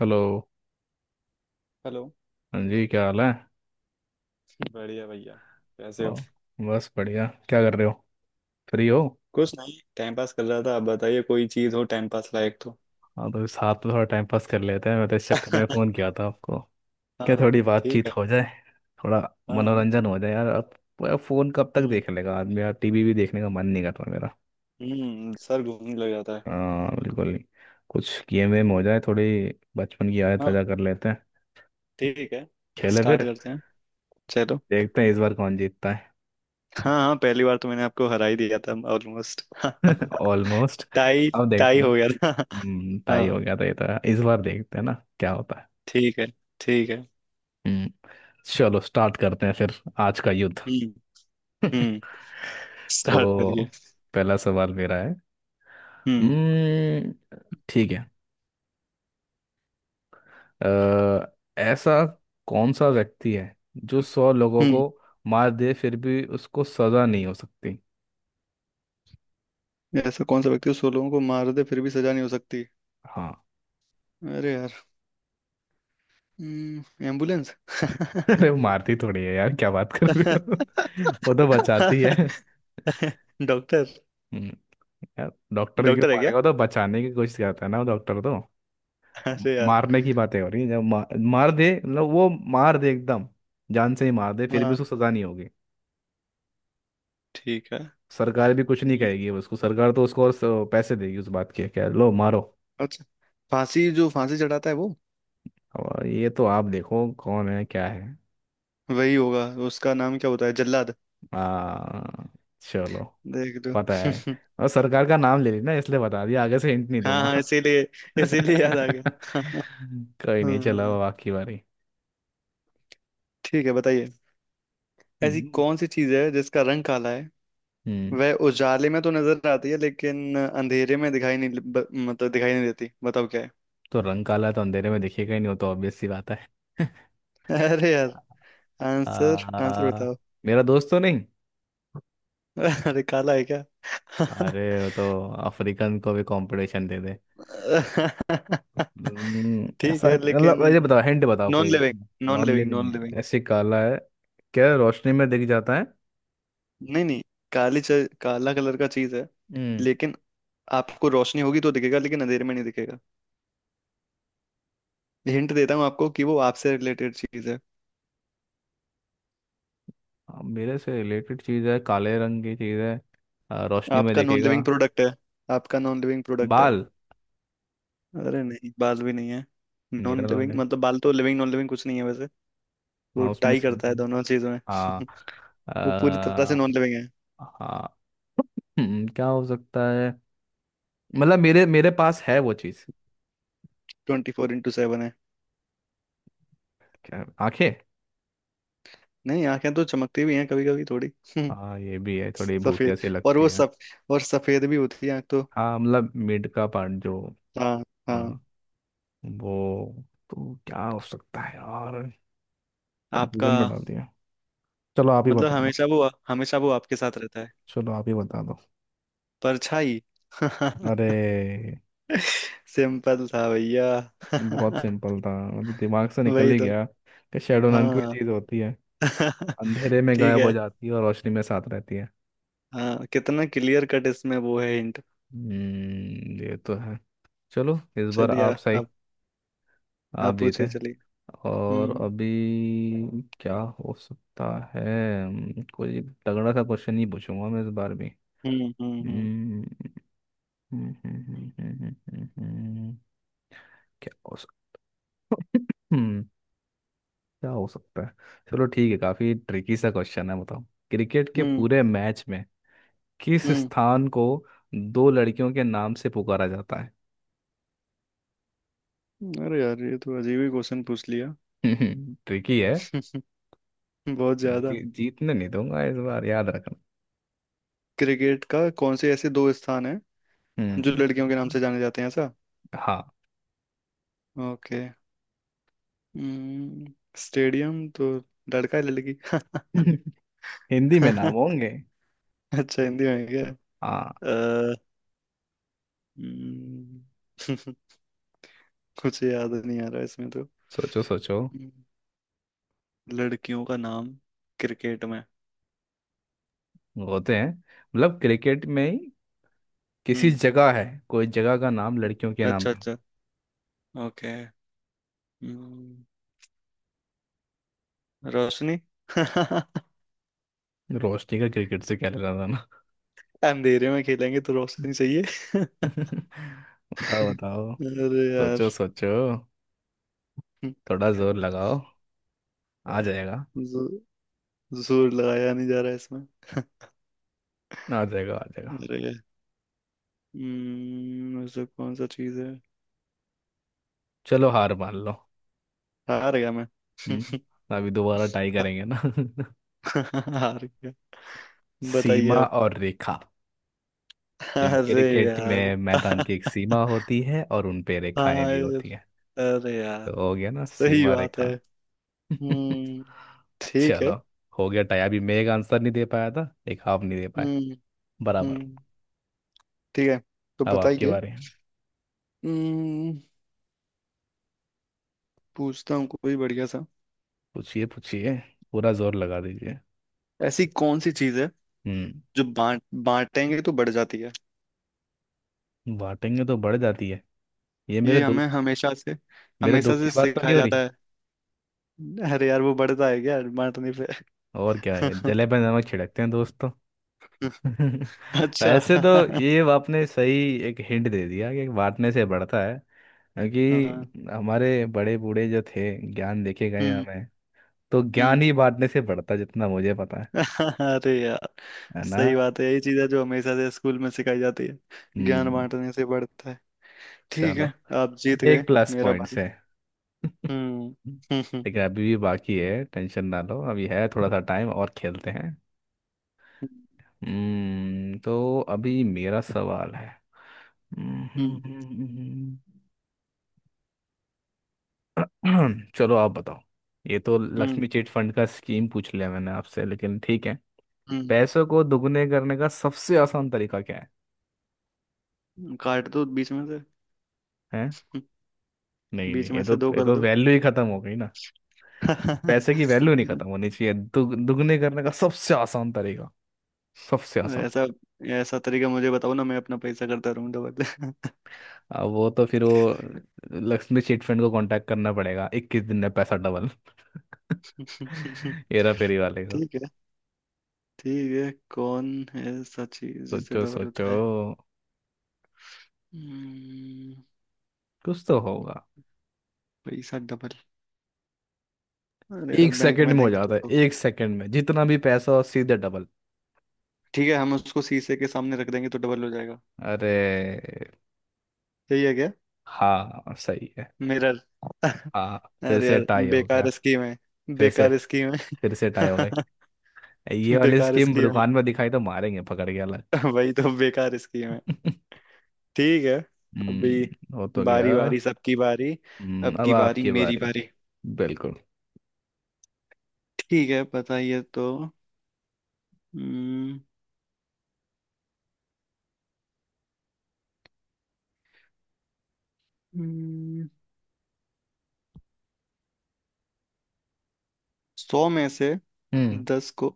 Hello. Hello. हाँ जी, क्या हाल है? बढ़िया भैया। कैसे हो? और बस बढ़िया, क्या कर रहे हो? फ्री हो? कुछ नहीं, टाइम पास कर रहा था। आप बताइए, कोई चीज हो टाइम पास लायक तो। हाँ तो साथ में थोड़ा टाइम पास कर लेते हैं। मैं तो इस चक्कर में फ़ोन किया था आपको। हाँ क्या हाँ, थोड़ी ठीक बातचीत है। हो जाए? थोड़ा हाँ। मनोरंजन हो जाए यार अब। अब फ़ोन कब तक हम्म। देख लेगा आदमी यार, टीवी भी देखने का मन नहीं करता मेरा। हम्म, सर घूमने लग जाता है। हाँ बिल्कुल। नहीं कुछ गेम वेम हो जाए थोड़ी, बचपन की यादें ताज़ा हाँ, कर लेते हैं। ठीक है। खेले स्टार्ट फिर। करते हैं। चलो। देखते हैं इस बार कौन जीतता है। हाँ हाँ, पहली बार तो मैंने आपको हरा ही दिया था ऑलमोस्ट। ऑलमोस्ट। टाई। अब देखते टाई हैं ना। हो गया था। हम्म, टाई हो हाँ। गया था ये तो। इस बार देखते हैं ना क्या होता है। ठीक है। ठीक है। हम्म। चलो स्टार्ट करते हैं फिर, आज का युद्ध। हम्म। हम्म। स्टार्ट तो करिए। पहला सवाल मेरा है। हम्म। हम्म, ठीक है। अ, ऐसा कौन सा व्यक्ति है जो 100 लोगों को हम्म। मार दे फिर भी उसको सजा नहीं हो सकती? ऐसा कौन सा व्यक्ति 16 लोगों को मार दे फिर भी सजा नहीं हो सकती? हाँ। अरे, एम्बुलेंस। अरे मारती थोड़ी है यार, क्या बात कर रही हो। वो तो बचाती है। डॉक्टर। हम्म, यार डॉक्टर क्यों डॉक्टर है क्या? मारेगा, वो तो बचाने की कोशिश करता है ना, वो डॉक्टर तो। अरे यार। मारने की बातें हो रही है जब मार दे, मतलब वो मार दे एकदम, जान से ही मार दे फिर भी हाँ, उसको सजा नहीं होगी। ठीक है। सरकार भी कुछ नहीं हम्म, कहेगी उसको, सरकार तो उसको और पैसे देगी उस बात के, क्या लो मारो। अच्छा, फांसी, जो फांसी चढ़ाता है वो, और ये तो आप देखो कौन है क्या है। वही होगा। उसका नाम क्या होता है, जल्लाद। आ, चलो देख लो। पता है। और सरकार का नाम ले लेना इसलिए बता दिया, आगे से हिंट नहीं हाँ दूंगा। हाँ, इसीलिए। इसीलिए याद आ गया। कोई नहीं चलो हाँ, बाकी बारी। ठीक है, बताइए। ऐसी हम्म, कौन सी चीज है जिसका रंग काला है? हम्म। वह उजाले में तो नजर आती है, लेकिन अंधेरे में दिखाई नहीं, मतलब दिखाई नहीं देती। बताओ क्या है। तो रंग काला है तो अंधेरे में दिखेगा ही नहीं, वो तो ऑब्वियस सी बात है। अरे, आंसर आंसर आ, बताओ। मेरा दोस्त तो नहीं। अरे, काला है क्या? अरे वो तो अफ्रीकन को भी कंपटीशन दे दे। ठीक ऐसा है लेकिन। मतलब ये बताओ, हिंट बताओ नॉन कोई। Living. Non non living living non living. है, ऐसे काला है? क्या रोशनी में दिख जाता है? नहीं नहीं। काली च, काला कलर का चीज है, हम्म। लेकिन आपको रोशनी होगी तो दिखेगा, लेकिन अंधेरे में नहीं दिखेगा। हिंट देता हूँ आपको कि वो आपसे रिलेटेड चीज है। अब मेरे से रिलेटेड चीज है, काले रंग की चीज है। रोशनी में आपका नॉन दिखेगा। लिविंग प्रोडक्ट है। आपका नॉन लिविंग प्रोडक्ट है। बाल, अरे नहीं, बाल भी नहीं है। नॉन मेरा नॉन लिविंग है। मतलब, बाल तो लिविंग नॉन लिविंग कुछ नहीं है वैसे। वो हाँ उसमें टाई से। करता है दोनों चीजों में। हाँ। वो पूरी तरह से आ, नॉन लिविंग है। हाँ। क्या हो सकता है, मतलब मेरे मेरे पास है वो चीज। 24x7 है। क्या आंखें? नहीं, आंखें तो चमकती भी हैं कभी कभी थोड़ी। हाँ ये भी है, थोड़ी भूतिया सफेद। सी और लगती वो है। सब। और सफेद भी होती है आंख तो। हाँ मतलब मिड का पार्ट जो। हाँ हाँ। हाँ, वो। तो क्या हो सकता है यार, आपका, कंफ्यूजन में डाल दिया। चलो आप ही मतलब बता दो। हमेशा वो, हमेशा वो आपके साथ रहता है। चलो आप ही बता दो। परछाई। अरे! सिंपल था भैया। बहुत सिंपल था, मतलब दिमाग से निकल वही ही तो। गया कि शेडो नाम की कोई हाँ। चीज़ होती है, अंधेरे में ठीक गायब हो है। जाती है और रोशनी में साथ रहती है। हाँ, कितना क्लियर कट इसमें वो है हिंट। ये तो है। चलो इस बार चलिए। आप सही, आप। आप आप पूछिए, जीते। चलिए। और हम्म अभी क्या हो सकता है? कोई तगड़ा सा क्वेश्चन ही पूछूंगा मैं इस बार भी। हम्म हम्म हम्म हम्म, हम्म, हम्म, हम्म, हम्म, हम्म, हम्म, हम्म, क्या हो सकता? हम्म, क्या हो सकता है? चलो ठीक है, काफी ट्रिकी सा क्वेश्चन है बताओ। क्रिकेट के हम्म। पूरे मैच में किस स्थान को दो लड़कियों के नाम से पुकारा जाता है? अरे यार, ये तो अजीब ही क्वेश्चन पूछ लिया। ट्रिकी है। बहुत ज्यादा। जीतने नहीं दूंगा इस बार, याद रखना। क्रिकेट का कौन से ऐसे दो स्थान हैं जो हम्म। लड़कियों जी- के नाम से जाने जाते हैं ऐसा? हाँ। ओके। हम्म, स्टेडियम तो लड़का है, लड़की। हिंदी में नाम होंगे। अच्छा, हिंदी में है क्या? हाँ अ, हम्म, कुछ याद नहीं आ रहा इसमें तो। सोचो सोचो। हम्म, लड़कियों का नाम, क्रिकेट में। होते हैं, मतलब क्रिकेट में ही किसी हम्म। जगह है, कोई जगह का नाम लड़कियों के नाम अच्छा पे। अच्छा, ओके। हम्म, रोशनी। रोशनी का क्रिकेट से क्या लेना था ना। अंधेरे में खेलेंगे तो रोशनी चाहिए। बताओ बताओ। अरे यार। सोचो सोचो। थोड़ा जोर लगाओ, आ जाएगा। हम्म, जोर लगाया नहीं जा रहा है इसमें। आ जाएगा आ जाएगा। अरे। ऐसा कौन सा चीज है? चलो हार मान लो। हार गया मैं। हम्म। अभी दोबारा ट्राई करेंगे ना। हार गया, बताइए सीमा आप। और रेखा। तो अरे क्रिकेट यार। में मैदान की एक सीमा होती है और उन पे रेखाएं हाँ भी यार, होती है, अरे यार, तो हो गया ना सही सीमा बात है। रेखा। हम्म। ठीक है। चलो हो गया टाई। अभी मैं एक आंसर नहीं दे पाया था, एक आप नहीं दे पाए, हम्म। बराबर। हम्म। ठीक है, तो अब आपके बताइए। बारे हैं। हम्म पूछता हूँ कोई बढ़िया सा। पूछिए पूछिए। पूरा जोर लगा दीजिए। ऐसी कौन सी चीज है हम्म। जो बांट बांटेंगे तो बढ़ जाती है? बांटेंगे तो बढ़ जाती है? ये मेरे ये दो, हमें हमेशा से, मेरे हमेशा दुख की से बात तो नहीं सिखाया हो जाता रही? है। अरे यार, वो बढ़ता है क्या बांटने पे? और क्या है, जले पे नमक छिड़कते हैं दोस्तों। अच्छा। वैसे तो ये आपने सही एक हिंट दे दिया कि बांटने से बढ़ता है। हाँ। क्योंकि हमारे बड़े बूढ़े जो थे, ज्ञान देखे गए हैं हम्म। हमें, तो हम्म। ज्ञान ही बांटने से बढ़ता जितना मुझे पता है। अरे यार, है ना। सही बात है। यही चीज है जो हमेशा से स्कूल में सिखाई जाती है। ज्ञान हम्म। बांटने से बढ़ता है। ठीक चलो, है, आप जीत गए। एक प्लस मेरा पॉइंट बारी। से। हम्म। हम्म हम्म लेकिन अभी भी बाकी है, टेंशन ना लो, अभी है थोड़ा सा टाइम और खेलते हैं। तो अभी मेरा सवाल है। हम्म, हम्म, हम्म, चलो आप बताओ। ये तो हम्म लक्ष्मी चिट फंड का स्कीम पूछ लिया मैंने आपसे, लेकिन ठीक है। हम्म। पैसों को दुगने करने का सबसे आसान तरीका क्या है? काट दो बीच में से। हैं? हम्म, नहीं नहीं, बीच में ये तो से दो ये कर तो दो। वैल्यू ही खत्म हो गई ना। पैसे की वैल्यू नहीं खत्म होनी चाहिए, दुगने करने का सबसे आसान तरीका, सबसे आसान। ऐसा। ऐसा तरीका मुझे बताओ ना, मैं अपना पैसा करता रहूं डबल। अब वो तो फिर वो लक्ष्मी चिट फंड को कांटेक्ट करना पड़ेगा, 21 दिन में पैसा डबल। हेरा फेरी वाले का। ठीक। ठीक है, कौन है ऐसा चीज जिससे सोचो डबल सोचो। होता है? हम्म, कुछ तो होगा। पैसा डबल। अरे यार, एक बैंक सेकंड में में हो देंगे तो जाता है, होगा। एक सेकंड में जितना भी पैसा हो सीधे डबल। ठीक है, हम उसको शीशे के सामने रख देंगे तो डबल हो जाएगा। अरे सही है क्या? हाँ सही है। मिरर। अरे हाँ फिर से यार, टाई हो गया। बेकार स्कीम है। फिर से बेकार स्कीम है। फिर से टाई हो गया। ये वाली बेकार स्कीम स्कीम दुकान में दिखाई तो मारेंगे पकड़ के अलग। है। वही तो, बेकार स्कीम है। ठीक है। अभी। हम्म, हो तो गया। बारी बारी सबकी बारी। अब अब की बारी आपकी मेरी बारी। बारी। बिल्कुल। ठीक है, बताइए तो। हम्म। हम्म, 100 में से हम्म। 10 को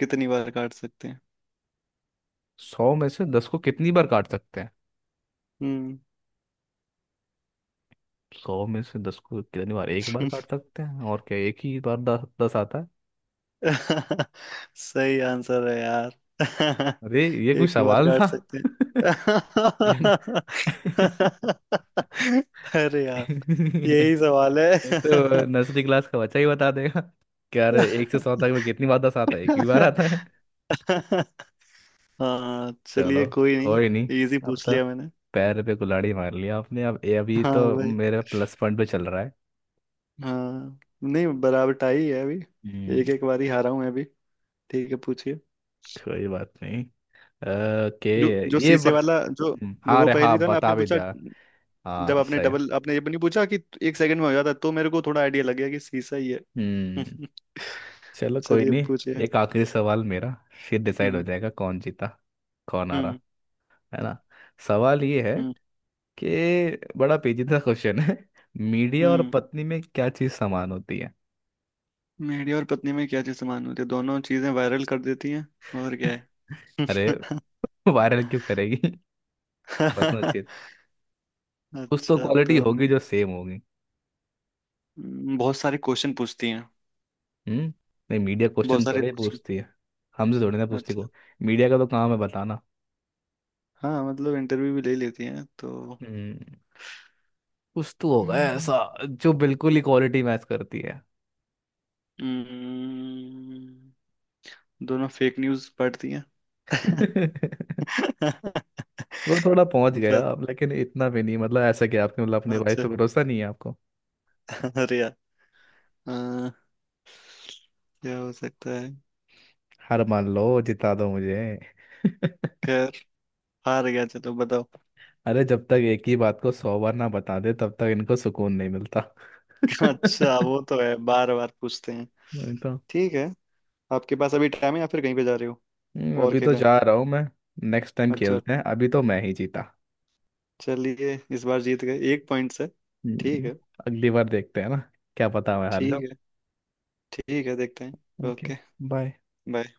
कितनी बार काट सकते हैं? 100 में से 10 को कितनी बार काट सकते हैं? हम्म। 100 में से 10 को कितनी बार? एक बार काट सकते हैं और क्या, एक ही बार 10 10 आता है। सही आंसर है यार। अरे ये कोई एक ही बार सवाल काट था? सकते हैं। ये न- अरे यार, यही सवाल ये है। तो नर्सरी क्लास का बच्चा ही बता देगा। क्या रे, एक से 100 तक में कितनी बार 10 आता है? एक ही बार आता है। हाँ चलो। चलिए, कोई हो नहीं। ही नहीं। इजी अब पूछ तो लिया मैंने। पैर पे कुल्हाड़ी मार लिया आपने, अब ये अभी हाँ तो भाई। मेरा प्लस पॉइंट पे चल रहा। हाँ नहीं, बराबर टाई है अभी। एक हम्म। एक बारी हारा हूं मैं अभी। ठीक है, पूछिए। कोई बात नहीं। ओके। जो जो ये ब... शीशे वाला जो जो हाँ वो रे हाँ, पहेली था ना बता आपने भी पूछा? दिया। हाँ जब आपने सही। डबल, आपने ये भी नहीं पूछा कि 1 सेकंड में हो जाता, तो मेरे को थोड़ा आइडिया लग गया कि शीशा ही है। हम्म चलो कोई चलिए नहीं। पूछिए। एक आखिरी सवाल मेरा, फिर डिसाइड हो हम्म। जाएगा कौन जीता, कौन आ रहा हम्म है ना। सवाल ये है हम्म कि, बड़ा पेचीदा क्वेश्चन है। मीडिया और हम्म। पत्नी में क्या चीज समान होती है? मेरी और पत्नी में क्या चीज समान होती है? दोनों चीजें वायरल कर देती हैं, और क्या है? अरे वायरल क्यों करेगी? पर्सनल चीज। कुछ तो अच्छा क्वालिटी तो होगी नहीं। जो सेम होगी। बहुत सारे क्वेश्चन पूछती हैं। हम्म। नहीं मीडिया बहुत क्वेश्चन सारे थोड़े क्वेश्चन। पूछती है, हमसे थोड़ी ना पूछती अच्छा। को। मीडिया का तो काम है बताना। हाँ मतलब इंटरव्यू भी ले लेती हैं तो। हम्म। कुछ तो होगा हम्म। ऐसा जो बिल्कुल इक्वालिटी मैच करती है। हम्म, दोनों फेक न्यूज पढ़ती हैं। थोड़ा थोड़ा पहुंच गया बस। अब, लेकिन इतना भी नहीं मतलब, ऐसा कि आपने मतलब अपने वाइफ पे अच्छा। भरोसा नहीं है आपको? अरे यार। अ, क्या हो सकता है? हार मान लो, जिता दो मुझे। खैर, हार गया, चलो बताओ। अरे जब तक एक ही बात को 100 बार ना बता दे तब तक इनको सुकून नहीं मिलता। अच्छा नहीं। वो तो है, बार बार पूछते हैं। तो ठीक है, आपके पास अभी टाइम है या फिर कहीं पे जा रहे हो? और अभी तो खेला है? जा रहा हूँ मैं। नेक्स्ट टाइम अच्छा, खेलते हैं, अभी तो मैं ही जीता। चलिए, इस बार जीत गए 1 पॉइंट से। ठीक हम्म, है। अगली बार देखते हैं ना, क्या पता मैं हार ठीक जाऊं। है। ठीक है, देखते हैं, ओके। ओके। बाय। बाय।